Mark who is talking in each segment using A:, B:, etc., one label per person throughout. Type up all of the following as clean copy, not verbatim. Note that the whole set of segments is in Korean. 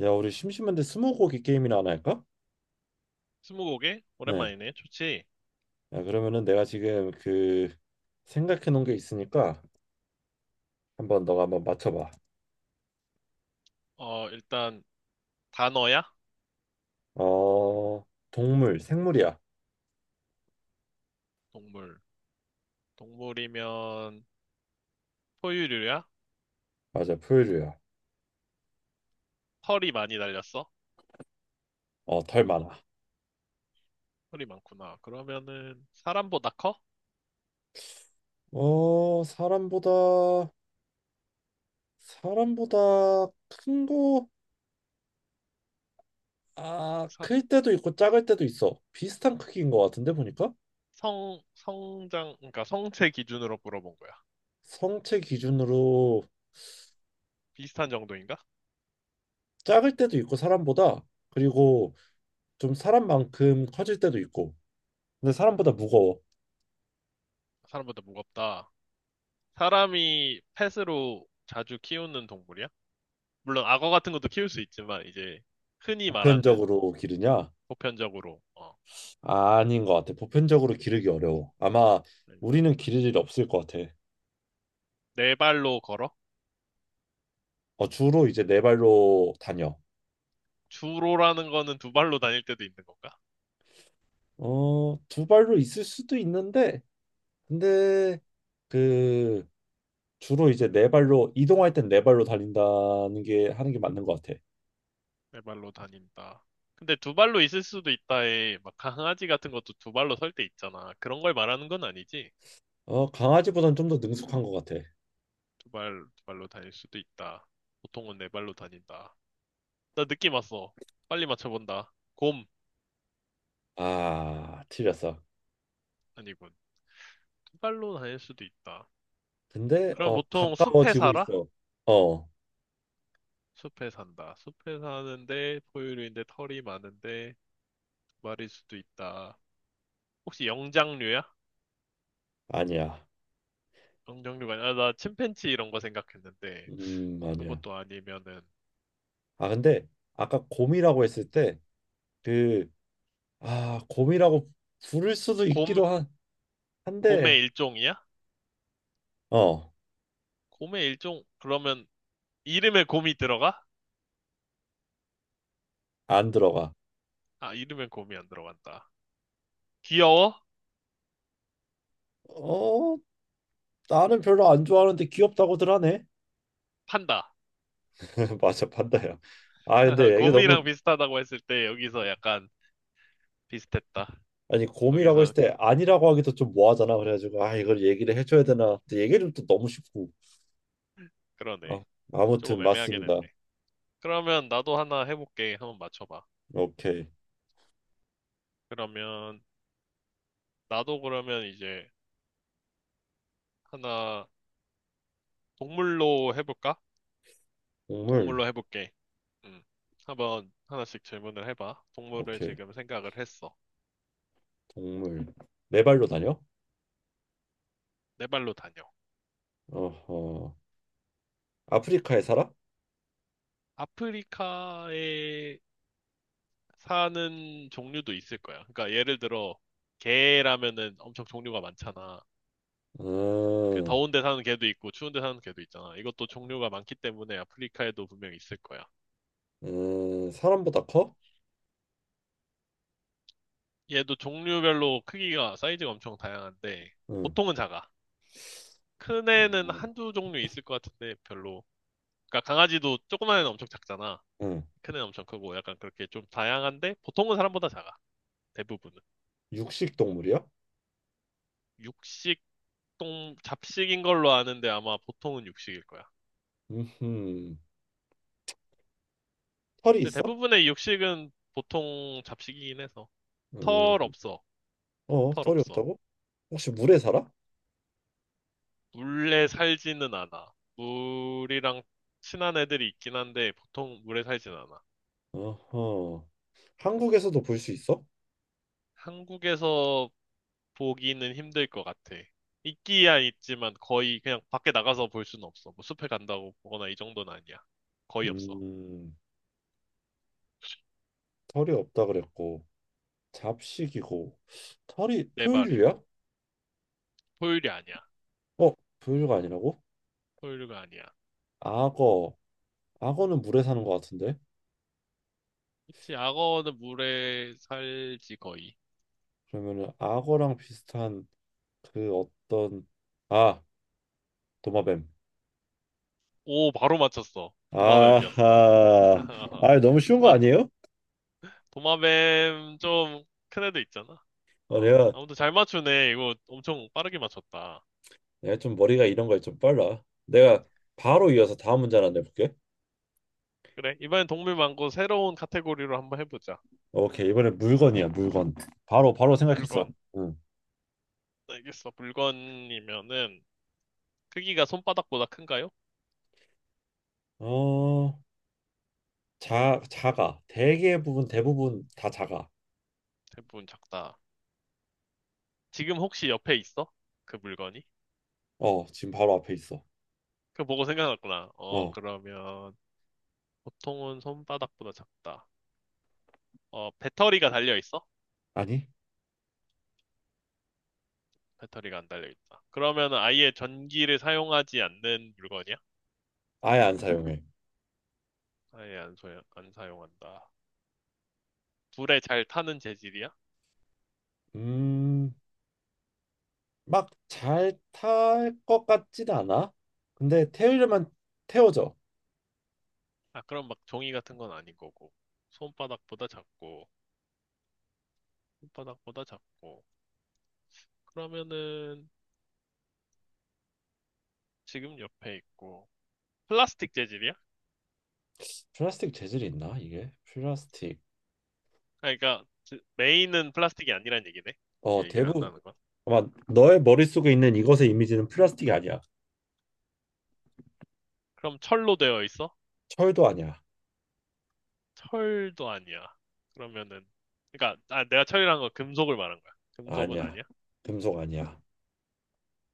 A: 야, 우리 심심한데 스무고개 게임이나 하나 할까?
B: 스무고개?
A: 네.
B: 오랜만이네. 좋지.
A: 야, 그러면은 내가 지금 그 생각해 놓은 게 있으니까 한번 너가 한번 맞춰봐.
B: 일단 단어야?
A: 어, 동물, 생물이야.
B: 동물. 동물이면 포유류야?
A: 맞아, 포유류야.
B: 털이 많이 달렸어?
A: 어, 덜 많아.
B: 털이 많구나. 그러면은 사람보다 커?
A: 어, 사람보다 큰 거, 아,
B: 사-
A: 클 때도 있고 작을 때도 있어. 비슷한 크기인 것 같은데 보니까
B: 성장, 그러니까 성체 기준으로 물어본 거야.
A: 성체 기준으로
B: 비슷한 정도인가?
A: 작을 때도 있고 사람보다 그리고 좀 사람만큼 커질 때도 있고. 근데 사람보다 무거워.
B: 사람보다 무겁다. 사람이 펫으로 자주 키우는 동물이야? 물론 악어 같은 것도 키울 수 있지만 이제 흔히 말하는
A: 보편적으로 기르냐?
B: 보편적으로
A: 아닌 것 같아. 보편적으로 기르기 어려워. 아마
B: 된다.
A: 우리는 기를 일이 없을 것 같아.
B: 네 발로 걸어?
A: 어, 주로 이제 네 발로 다녀.
B: 주로라는 거는 두 발로 다닐 때도 있는 건가?
A: 어, 두 발로 있을 수도 있는데, 근데 그 주로 이제 네 발로 이동할 땐 네 발로 달린다는 게 하는 게 맞는 것 같아.
B: 네 발로 다닌다. 근데 두 발로 있을 수도 있다에 막 강아지 같은 것도 두 발로 설 때 있잖아. 그런 걸 말하는 건 아니지.
A: 어, 강아지보단 좀 더 능숙한 것 같아.
B: 두 발로 다닐 수도 있다. 보통은 네 발로 다닌다. 나 느낌 왔어. 빨리 맞춰본다. 곰.
A: 아, 틀렸어.
B: 아니군. 두 발로 다닐 수도 있다.
A: 근데
B: 그럼
A: 어
B: 보통 숲에
A: 가까워지고
B: 살아?
A: 있어. 어,
B: 숲에 산다. 숲에 사는데 포유류인데 털이 많은데 두 발일 수도 있다. 혹시 영장류야?
A: 아니야.
B: 영장류가 아니라 나 침팬지 이런 거 생각했는데
A: 아니야.
B: 그것도 아니면은
A: 아, 근데 아까 곰이라고 했을 때 그, 아, 곰이라고 부를 수도
B: 곰.
A: 있기도 한, 한데,
B: 곰의 일종이야?
A: 어,
B: 곰의 일종. 그러면 이름에 곰이 들어가?
A: 안 들어가.
B: 아, 이름에 곰이 안 들어간다. 귀여워?
A: 어, 나는 별로 안 좋아하는데 귀엽다고들 하네.
B: 판다.
A: 맞아, 판다야. 아, 근데 이게 너무,
B: 곰이랑 비슷하다고 했을 때 여기서 약간 비슷했다.
A: 아니, 곰이라고
B: 거기서
A: 했을 때 아니라고 하기도 좀 뭐하잖아. 그래가지고, 아, 이걸 얘기를 해줘야 되나. 근데 얘기를 또 너무 쉽고. 아,
B: 그러네. 조금
A: 아무튼,
B: 애매하긴
A: 맞습니다.
B: 했네. 그러면 나도 하나 해볼게. 한번 맞춰봐.
A: 오케이.
B: 그러면 나도 그러면 이제 하나 동물로 해볼까?
A: 동물,
B: 동물로 해볼게. 음. 한번 하나씩 질문을 해봐. 동물을
A: 오케이.
B: 지금 생각을 했어.
A: 동물. 네 발로 다녀?
B: 내 발로 다녀.
A: 어허. 아프리카에 살아?
B: 아프리카에 사는 종류도 있을 거야. 그러니까 예를 들어 개라면은 엄청 종류가 많잖아. 그
A: 음,
B: 더운 데 사는 개도 있고 추운 데 사는 개도 있잖아. 이것도 종류가 많기 때문에 아프리카에도 분명히 있을 거야.
A: 사람보다 커?
B: 얘도 종류별로 크기가 사이즈가 엄청 다양한데
A: 음.
B: 보통은 작아. 큰 애는
A: 어,
B: 한두 종류 있을 것 같은데 별로. 그러니까 강아지도 조그만 애는 엄청 작잖아.
A: 응.
B: 큰 애는 엄청 크고 약간 그렇게 좀 다양한데 보통은 사람보다 작아. 대부분은.
A: 육식 동물이야?
B: 육식 동 잡식인 걸로 아는데 아마 보통은 육식일 거야.
A: 음. 털이
B: 근데
A: 있어?
B: 대부분의 육식은 보통 잡식이긴 해서 털
A: 음.
B: 없어.
A: 어,
B: 털
A: 털이
B: 없어.
A: 없다고? 혹시 물에 살아?
B: 물에 살지는 않아. 물이랑 친한 애들이 있긴 한데 보통 물에 살진 않아.
A: 어허. 한국에서도 볼 수 있어?
B: 한국에서 보기는 힘들 것 같아. 있기야 있지만 거의 그냥 밖에 나가서 볼 수는 없어. 뭐 숲에 간다고 보거나 이 정도는 아니야. 거의 없어.
A: 음. 털이 없다 그랬고 잡식이고 털이
B: 네
A: 포유류야?
B: 발이고. 포유류 아니야.
A: 어, 포유류가 아니라고?
B: 포유류가 아니야.
A: 악어. 악어는 물에 사는 것 같은데.
B: 그치, 악어는 물에 살지, 거의.
A: 그러면은 악어랑 비슷한 그 어떤 아, 도마뱀.
B: 오, 바로 맞췄어. 도마뱀이었어.
A: 아하. 아, 너무 쉬운 거
B: 맞아.
A: 아니에요?
B: 도마뱀 좀 큰 애도 있잖아.
A: 어,
B: 어,
A: 내가
B: 아무튼 잘 맞추네. 이거 엄청 빠르게 맞췄다.
A: 내가 좀 머리가 이런 거에 좀 빨라. 내가 바로 이어서 다음 문제 하나 내볼게.
B: 그래, 이번엔 동물 말고 새로운 카테고리로 한번 해보자.
A: 오케이, 이번엔 물건이야, 물건. 바로 바로 생각했어.
B: 물건.
A: 응.
B: 알겠어. 물건이면은 크기가 손바닥보다 큰가요?
A: 어, 자, 작아. 대부분 다 작아.
B: 대부분 작다. 지금 혹시 옆에 있어? 그 물건이?
A: 어, 지금 바로 앞에 있어.
B: 그거 보고 생각났구나. 어,
A: 어,
B: 그러면 보통은 손바닥보다 작다. 어, 배터리가 달려 있어?
A: 아니,
B: 배터리가 안 달려 있다. 그러면 아예 전기를 사용하지 않는 물건이야?
A: 아예 안 사용해.
B: 아예 안 사용한다. 불에 잘 타는 재질이야?
A: 음, 막 잘 탈 것 같진 않아. 근데 태우려면 태워져.
B: 아, 그럼 막 종이 같은 건 아닌 거고. 손바닥보다 작고, 손바닥보다 작고. 그러면은 지금 옆에 있고. 플라스틱 재질이야? 아,
A: 플라스틱 재질이 있나 이게? 플라스틱.
B: 그러니까 메인은 플라스틱이 아니란 얘기네.
A: 어,
B: 이렇게 얘기를
A: 대부분
B: 한다는 건.
A: 아마 너의 머릿속에 있는 이것의 이미지는 플라스틱이 아니야.
B: 그럼 철로 되어 있어?
A: 철도 아니야.
B: 철도 아니야. 그러면은, 그러니까 아, 내가 철이란 건 금속을 말한 거야. 금속은
A: 아니야.
B: 아니야?
A: 금속 아니야.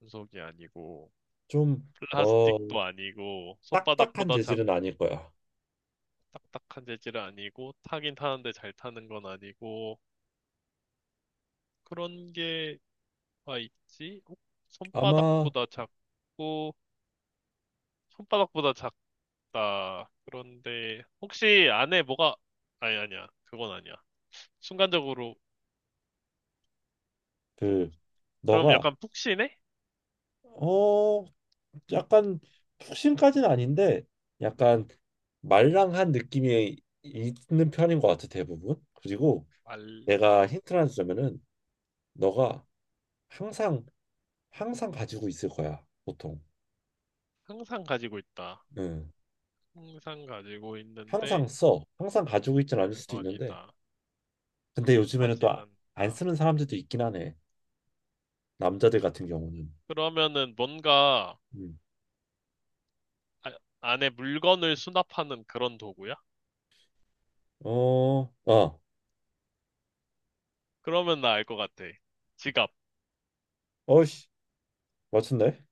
B: 금속이 아니고
A: 좀 어,
B: 플라스틱도 아니고
A: 딱딱한 재질은 아닐 거야.
B: 딱딱한 재질은 아니고 타긴 타는데 잘 타는 건 아니고 그런 게가 있지? 어?
A: 아마
B: 손바닥보다 작고 손바닥보다 작다. 그런데 혹시 안에 뭐가 아니 아니야. 그건 아니야. 순간적으로 푹-
A: 그
B: 그럼
A: 너가
B: 약간 푹신해?
A: 어 약간 푹신까지는 아닌데 약간 말랑한 느낌이 있는 편인 것 같아 대부분. 그리고 내가
B: 어.
A: 힌트를 하나 주자면은 너가 항상 항상 가지고 있을 거야 보통.
B: 항상 가지고 있다.
A: 응.
B: 항상 가지고 있는데
A: 항상 써. 항상 가지고 있진 않을 수도 있는데
B: 물건이다.
A: 근데 요즘에는 또
B: 타진
A: 안
B: 않는다.
A: 쓰는 사람들도 있긴 하네. 남자들 같은 경우는.
B: 그러면은 뭔가
A: 음.
B: 아- 안에 물건을 수납하는 그런 도구야?
A: 어, 아,
B: 그러면 나 알 것 같아. 지갑.
A: 어이씨, 맞췄네.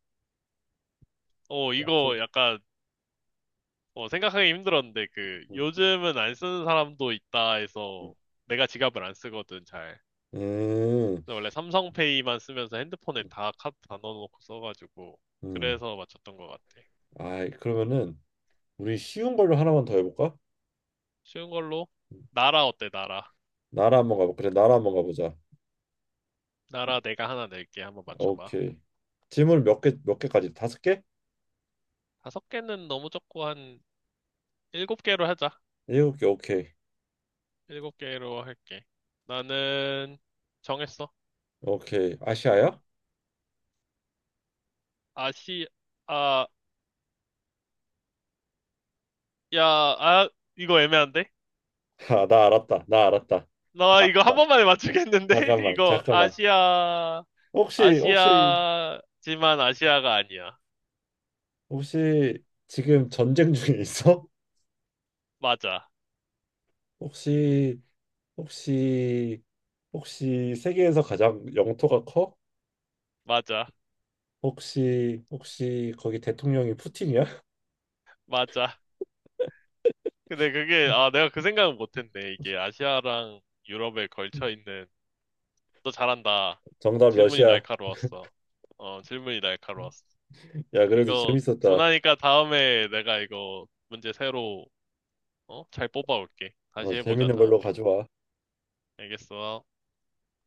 A: 맞췄.
B: 이거 약간 생각하기 힘들었는데 그
A: 음,
B: 요즘은 안 쓰는 사람도 있다 해서 내가 지갑을 안 쓰거든 잘.
A: 음,
B: 그래서 원래 삼성페이만 쓰면서 핸드폰에 다 카드 다 넣어놓고 써가지고
A: 음.
B: 그래서 맞췄던 것 같아.
A: 아, 그러면은 우리 쉬운 걸로 하나만 더 해볼까?
B: 쉬운 걸로 나라 어때 나라?
A: 나라 한번 가보. 그래, 나라 한번 가보자.
B: 나라 내가 하나 낼게 한번 맞춰봐.
A: 오케이. 질문 몇 개, 몇 개까지? 다섯 개?
B: 다섯 개는 너무 적고 한 일곱 개로 하자.
A: 일곱 개. 오케이.
B: 일곱 개로 할게. 나는 정했어.
A: 오케이. 아시아야?
B: 아시, 아, 야, 아, 이거 애매한데?
A: 아, 나 알았다. 나 알았다. 나
B: 나 이거 한
A: 알았다.
B: 번만에 맞추겠는데?
A: 잠깐만,
B: 이거
A: 잠깐만.
B: 아시아,
A: 혹시, 혹시,
B: 아시아지만 아시아가 아니야.
A: 혹시 지금 전쟁 중에 있어?
B: 맞아,
A: 혹시 혹시 혹시 세계에서 가장 영토가 커?
B: 맞아,
A: 혹시 거기 대통령이 푸틴이야?
B: 맞아. 근데 그게, 아, 내가 그 생각은 못했네. 이게 아시아랑 유럽에 걸쳐 있는, 너 잘한다.
A: 정답
B: 질문이
A: 러시아.
B: 날카로웠어. 질문이 날카로웠어.
A: 야, 그래도
B: 이거
A: 재밌었다.
B: 분하니까 다음에 내가 이거 문제 새로 어? 잘 뽑아올게.
A: 어,
B: 다시 해보자,
A: 재밌는
B: 다음에.
A: 걸로 가져와.
B: 알겠어.